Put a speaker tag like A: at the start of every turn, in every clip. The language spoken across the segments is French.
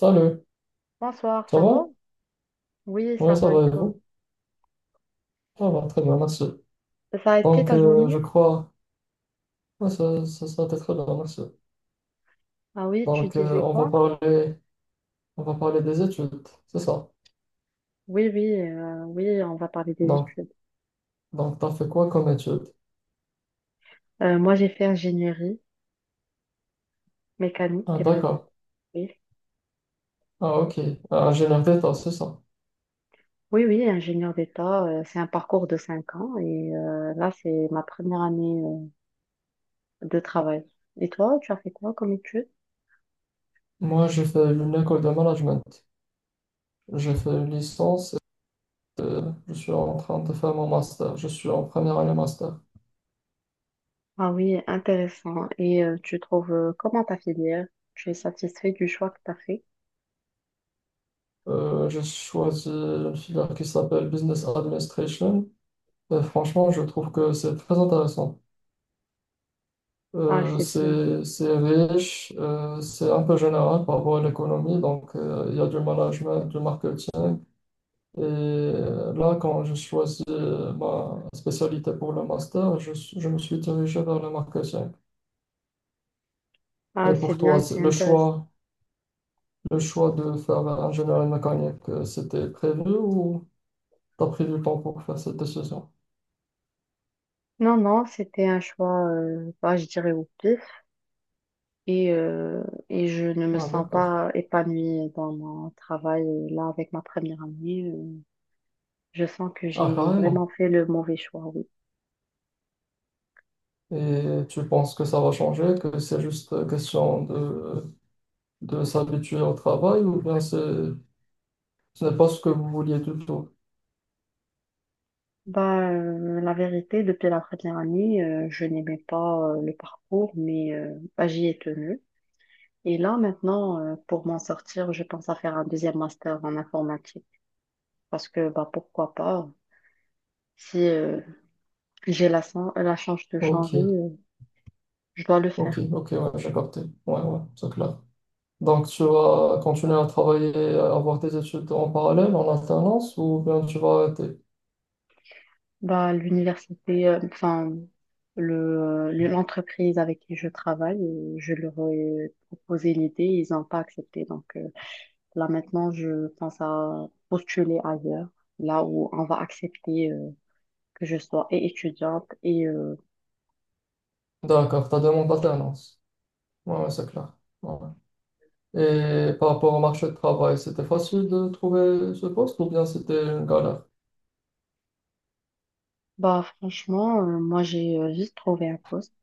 A: Salut,
B: Bonsoir,
A: ça
B: ça
A: va?
B: va? Oui, ça
A: Oui, ça
B: va et
A: va et
B: toi?
A: vous? Ça va, très bien, merci.
B: Ça a été
A: Donc,
B: ta
A: je
B: journée?
A: crois, ouais, ça a été très bien, merci.
B: Ah oui, tu
A: Donc,
B: disais quoi?
A: parler, on va parler des études, c'est ça.
B: Oui, oui, oui, on va parler des
A: Donc,
B: études.
A: donc t'as fait quoi comme études?
B: Moi, j'ai fait ingénierie
A: Ah,
B: mécanique.
A: d'accord.
B: Oui,
A: Ah, ok. Ah, ingénieur d'état, c'est ça.
B: oui, ingénieur d'État. C'est un parcours de 5 ans et là, c'est ma première année de travail. Et toi, tu as fait quoi comme études?
A: Moi, j'ai fait une école de management. J'ai fait une licence et je suis en train de faire mon master. Je suis en première année master.
B: Ah oui, intéressant. Et tu trouves comment ta filière? Tu es satisfait du choix que tu as fait?
A: J'ai choisi une filière qui s'appelle Business Administration. Franchement, je trouve que c'est très intéressant.
B: Ah, c'est bien.
A: C'est riche, c'est un peu général par rapport à l'économie, donc il y a du management, du marketing. Et là, quand j'ai choisi ma spécialité pour le master, je me suis dirigé vers le marketing. Et
B: Ah, c'est
A: pour toi,
B: bien, c'est intéressant.
A: le choix de faire ingénierie mécanique, c'était prévu ou t'as pris du temps pour faire cette décision?
B: Non, non, c'était un choix, bah, je dirais au pif. Et, euh, et je ne me
A: Ah,
B: sens
A: d'accord.
B: pas épanouie dans mon travail. Et là, avec ma première année, je sens que
A: Ah,
B: j'ai vraiment
A: carrément.
B: fait le mauvais choix, oui.
A: Et tu penses que ça va changer, que c'est juste question de s'habituer au travail ou bien c'est, ce n'est pas ce que vous vouliez du tout?
B: Bah, la vérité, depuis la première année, je n'aimais pas le parcours, mais bah, j'y ai tenu. Et là, maintenant, pour m'en sortir, je pense à faire un deuxième master en informatique. Parce que, bah, pourquoi pas, si j'ai la, la chance de changer,
A: Ok,
B: je dois le
A: ok,
B: faire.
A: ok, ouais, j'ai capté. Ouais, ouais, c'est clair. Donc tu vas continuer à travailler, à avoir tes études en parallèle, en alternance, ou bien tu vas arrêter?
B: Bah, l'université, enfin, l'entreprise avec qui je travaille, je leur ai proposé l'idée, ils n'ont pas accepté. Donc là maintenant, je pense à postuler ailleurs, là où on va accepter que je sois et étudiante. Et
A: D'accord, ta demande d'alternance. Ouais, ouais, c'est clair. Ouais. Ouais. Et par rapport au marché de travail, c'était facile de trouver ce poste ou bien c'était une galère?
B: bah franchement, moi j'ai juste trouvé un poste.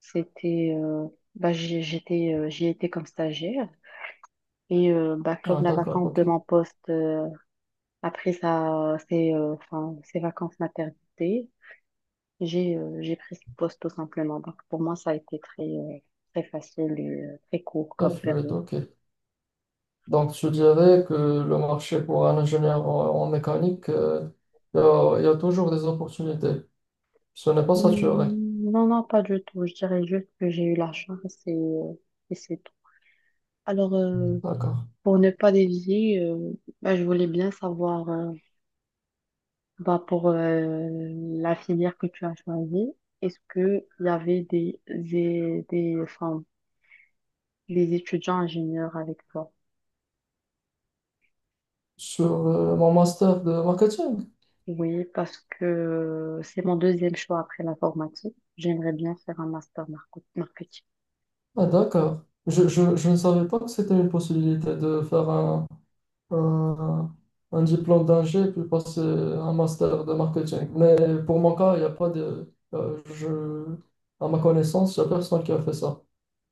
B: C'était, j'étais, j'y étais comme stagiaire. Et bah comme
A: Ah,
B: la
A: d'accord,
B: vacance de
A: ok.
B: mon poste après ça, c'est enfin, c'est vacances maternité. J'ai pris ce poste tout simplement. Donc pour moi, ça a été très, très facile et très court
A: Très
B: comme
A: fluide,
B: période.
A: ok. Donc, je dirais que le marché pour un ingénieur en mécanique, il y a toujours des opportunités. Ce n'est pas saturé.
B: Hmm, non, non, pas du tout. Je dirais juste que j'ai eu la chance et, euh, et c'est tout. Alors,
A: D'accord.
B: pour ne pas dévier, bah, je voulais bien savoir, bah, pour la filière que tu as choisie, est-ce qu'il y avait enfin, des étudiants ingénieurs avec toi?
A: Sur mon master de marketing?
B: Oui, parce que c'est mon deuxième choix après l'informatique. J'aimerais bien faire un master marketing.
A: Ah, d'accord. Je ne savais pas que c'était une possibilité de faire un, un diplôme d'ingé puis passer un master de marketing. Mais pour mon cas, il n'y a pas de je, à ma connaissance, il n'y a personne qui a fait ça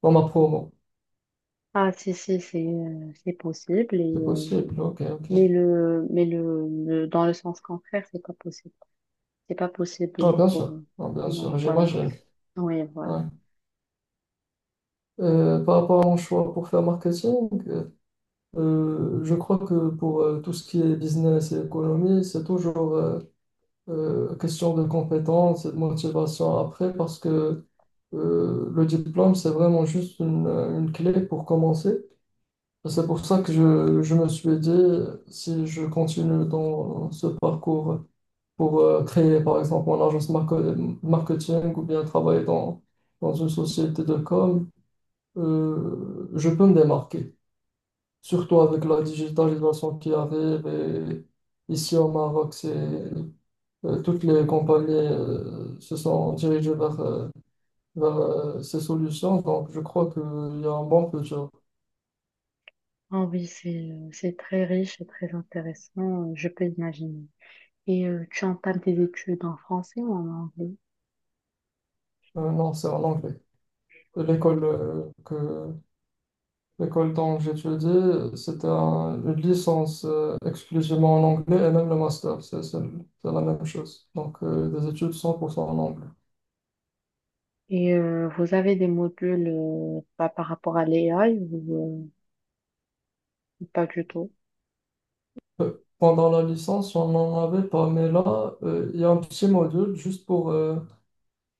A: dans ma promo.
B: Ah, si, si, c'est possible.
A: C'est
B: Et,
A: possible, ok, ok.
B: mais dans le sens contraire, c'est pas possible. C'est pas
A: Ah,
B: possible
A: bien
B: pour
A: sûr,
B: nous.
A: ah, bien sûr,
B: Oui, voilà.
A: j'imagine.
B: Oui, voilà.
A: Ouais. Par rapport à mon choix pour faire marketing, je crois que pour tout ce qui est business et économie, c'est toujours question de compétence et de motivation après parce que le diplôme, c'est vraiment juste une clé pour commencer. C'est pour ça que je me suis dit, si je continue dans ce parcours pour créer, par exemple, marketing ou bien travailler dans une société de com, je peux me démarquer. Surtout avec la digitalisation qui arrive. Et ici au Maroc, c'est, toutes les compagnies se sont dirigées vers ces solutions. Donc, je crois qu'il y a un bon futur.
B: Ah oui, c'est très riche et très intéressant, je peux imaginer. Et tu entames tes études en français ou en anglais?
A: Non, c'est en anglais. L'école euh, que, L'école dont j'étudie, c'était une licence exclusivement en anglais et même le master, c'est la même chose. Donc, des études 100% en anglais.
B: Et vous avez des modules pas par rapport à l'AI? Pas du tout.
A: Euh, pendant la licence, on n'en avait pas, mais là, il y a un petit module juste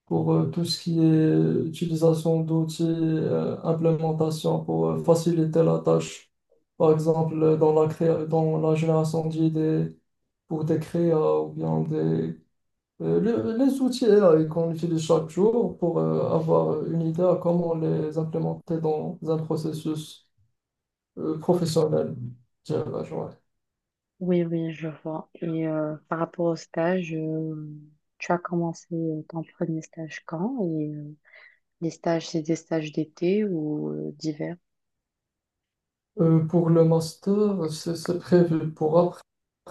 A: pour tout ce qui est utilisation d'outils, implémentation pour faciliter la tâche. Par exemple, dans la génération d'idées pour des créas ou bien des euh, les outils AI qu'on utilise chaque jour pour avoir une idée à comment les implémenter dans un processus professionnel, dirais-je, ouais.
B: Oui, oui, je vois. Et par rapport au stage, tu as commencé ton premier stage quand? Et les stages, c'est des stages d'été ou d'hiver?
A: Pour le master, c'est prévu pour après.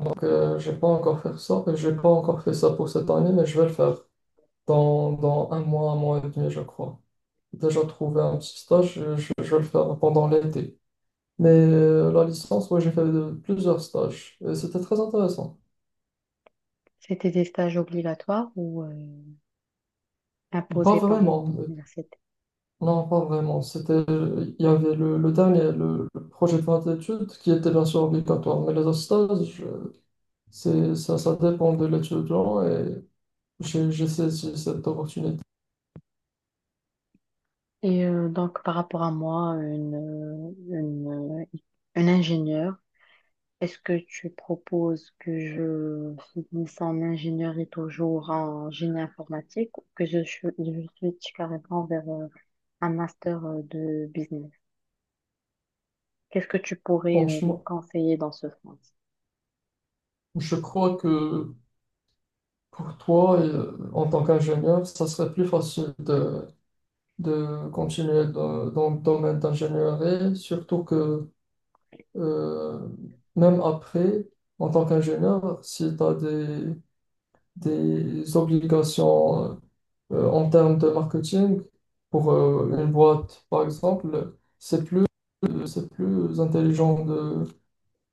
A: Donc, j'ai pas encore fait ça. J'ai pas encore fait ça pour cette année, mais je vais le faire dans un mois et demi, je crois. J'ai déjà trouvé un petit stage, je vais le faire pendant l'été. Mais la licence, ouais, j'ai fait plusieurs stages. Et c'était très intéressant.
B: C'était des stages obligatoires ou
A: Pas
B: imposés par
A: vraiment.
B: l'université?
A: Non, pas vraiment. C'était, il y avait le dernier, le projet de fin d'études, qui était bien sûr obligatoire. Mais les autres stages, c'est, ça dépend de l'étudiant et j'ai saisi cette opportunité.
B: Et donc, par rapport à moi, une ingénieure, est-ce que tu proposes que je finisse en ingénierie toujours en génie informatique ou que je switch carrément vers un master de business. Qu'est-ce que tu pourrais me
A: Franchement,
B: conseiller dans ce sens?
A: je crois que pour toi, en tant qu'ingénieur, ça serait plus facile de continuer dans le domaine d'ingénierie, surtout que euh, même après, en tant qu'ingénieur, si tu as des obligations en termes de marketing pour une boîte, par exemple, c'est plus intelligent de,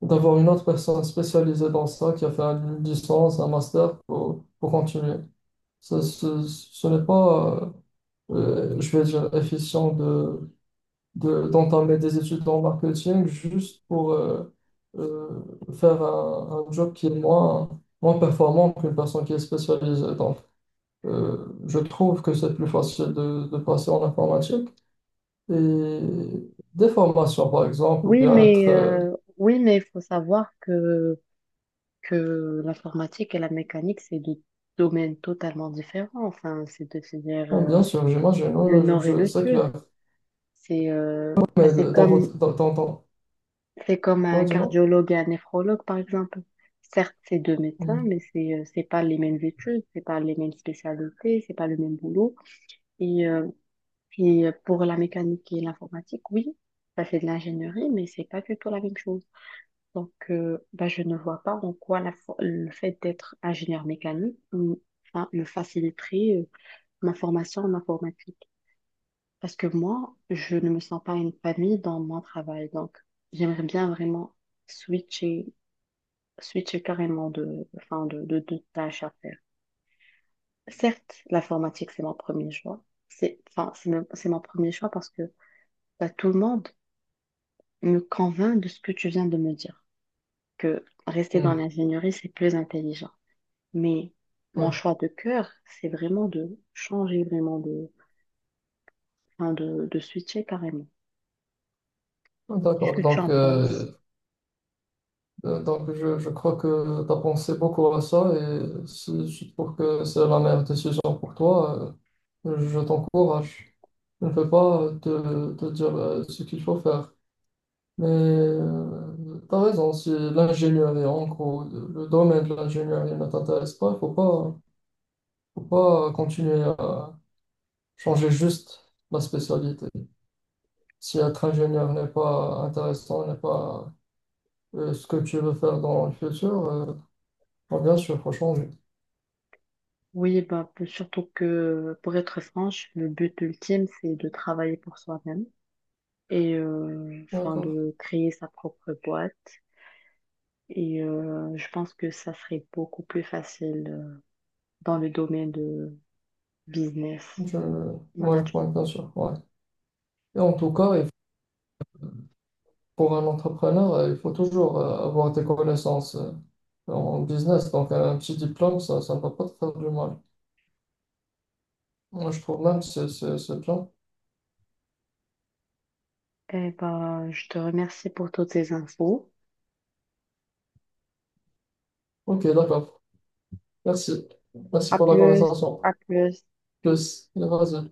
A: d'avoir une autre personne spécialisée dans ça qui a fait une licence, un master pour continuer. Ça, ce n'est pas, je vais dire, efficient de d'entamer des études en marketing juste pour euh, faire un job qui est moins performant qu'une personne qui est spécialisée. Donc, je trouve que c'est plus facile de passer en informatique. Et des formations, par exemple, ou
B: Oui,
A: bien être
B: mais euh, oui, mais il faut savoir que l'informatique et la mécanique, c'est deux domaines totalement différents. Enfin, c'est de c'est-à-dire
A: bon, bien sûr, j'imagine,
B: le
A: oui,
B: nord et le
A: c'est
B: sud.
A: clair.
B: C'est bah,
A: Mais dans votre
B: c'est comme
A: ouais,
B: un
A: dis-moi.
B: cardiologue et un néphrologue, par exemple. Certes, c'est deux médecins,
A: Mm.
B: mais c'est pas les mêmes études, c'est pas les mêmes spécialités, c'est pas le même boulot. Et puis pour la mécanique et l'informatique, oui, ça c'est de l'ingénierie, mais c'est pas du tout la même chose. Donc, bah, je ne vois pas en quoi la le fait d'être ingénieur mécanique mm, enfin, me faciliterait ma formation en informatique. Parce que moi, je ne me sens pas une famille dans mon travail. Donc, j'aimerais bien vraiment switcher, switcher carrément de, enfin, de tâches à faire. Certes, l'informatique, c'est mon premier choix. C'est, enfin, c'est mon premier choix parce que bah, tout le monde me convainc de ce que tu viens de me dire, que rester dans
A: Mm.
B: l'ingénierie, c'est plus intelligent. Mais
A: Oui,
B: mon choix de cœur, c'est vraiment de changer, vraiment enfin de switcher carrément. Qu'est-ce
A: d'accord.
B: que tu en
A: Donc,
B: penses?
A: euh, donc, je crois que tu as pensé beaucoup à ça et si je trouve que c'est la meilleure décision pour toi, je t'encourage. Je ne peux pas te dire ce qu'il faut faire. Mais tu as raison, si l'ingénierie, en gros, le domaine de l'ingénierie ne t'intéresse pas, il faut pas continuer à changer juste la spécialité. Si être ingénieur n'est pas intéressant, n'est pas ce que tu veux faire dans le futur, bon, bien sûr, il faut changer.
B: Oui, bah, surtout que, pour être franche, le but ultime, c'est de travailler pour soi-même et enfin,
A: D'accord.
B: de créer sa propre boîte. Et je pense que ça serait beaucoup plus facile dans le domaine de business
A: Je Ouais, ouais,
B: management.
A: bien sûr. Ouais. Et en tout cas, il pour un entrepreneur, il faut toujours avoir des connaissances en business. Donc, un petit diplôme, ça ne va pas te faire du mal. Moi, je trouve même que c'est bien.
B: Eh ben, je te remercie pour toutes ces infos.
A: Ok, d'accord. Merci. Merci
B: À
A: pour la
B: plus,
A: conversation.
B: à plus.
A: Plus. Vas-y.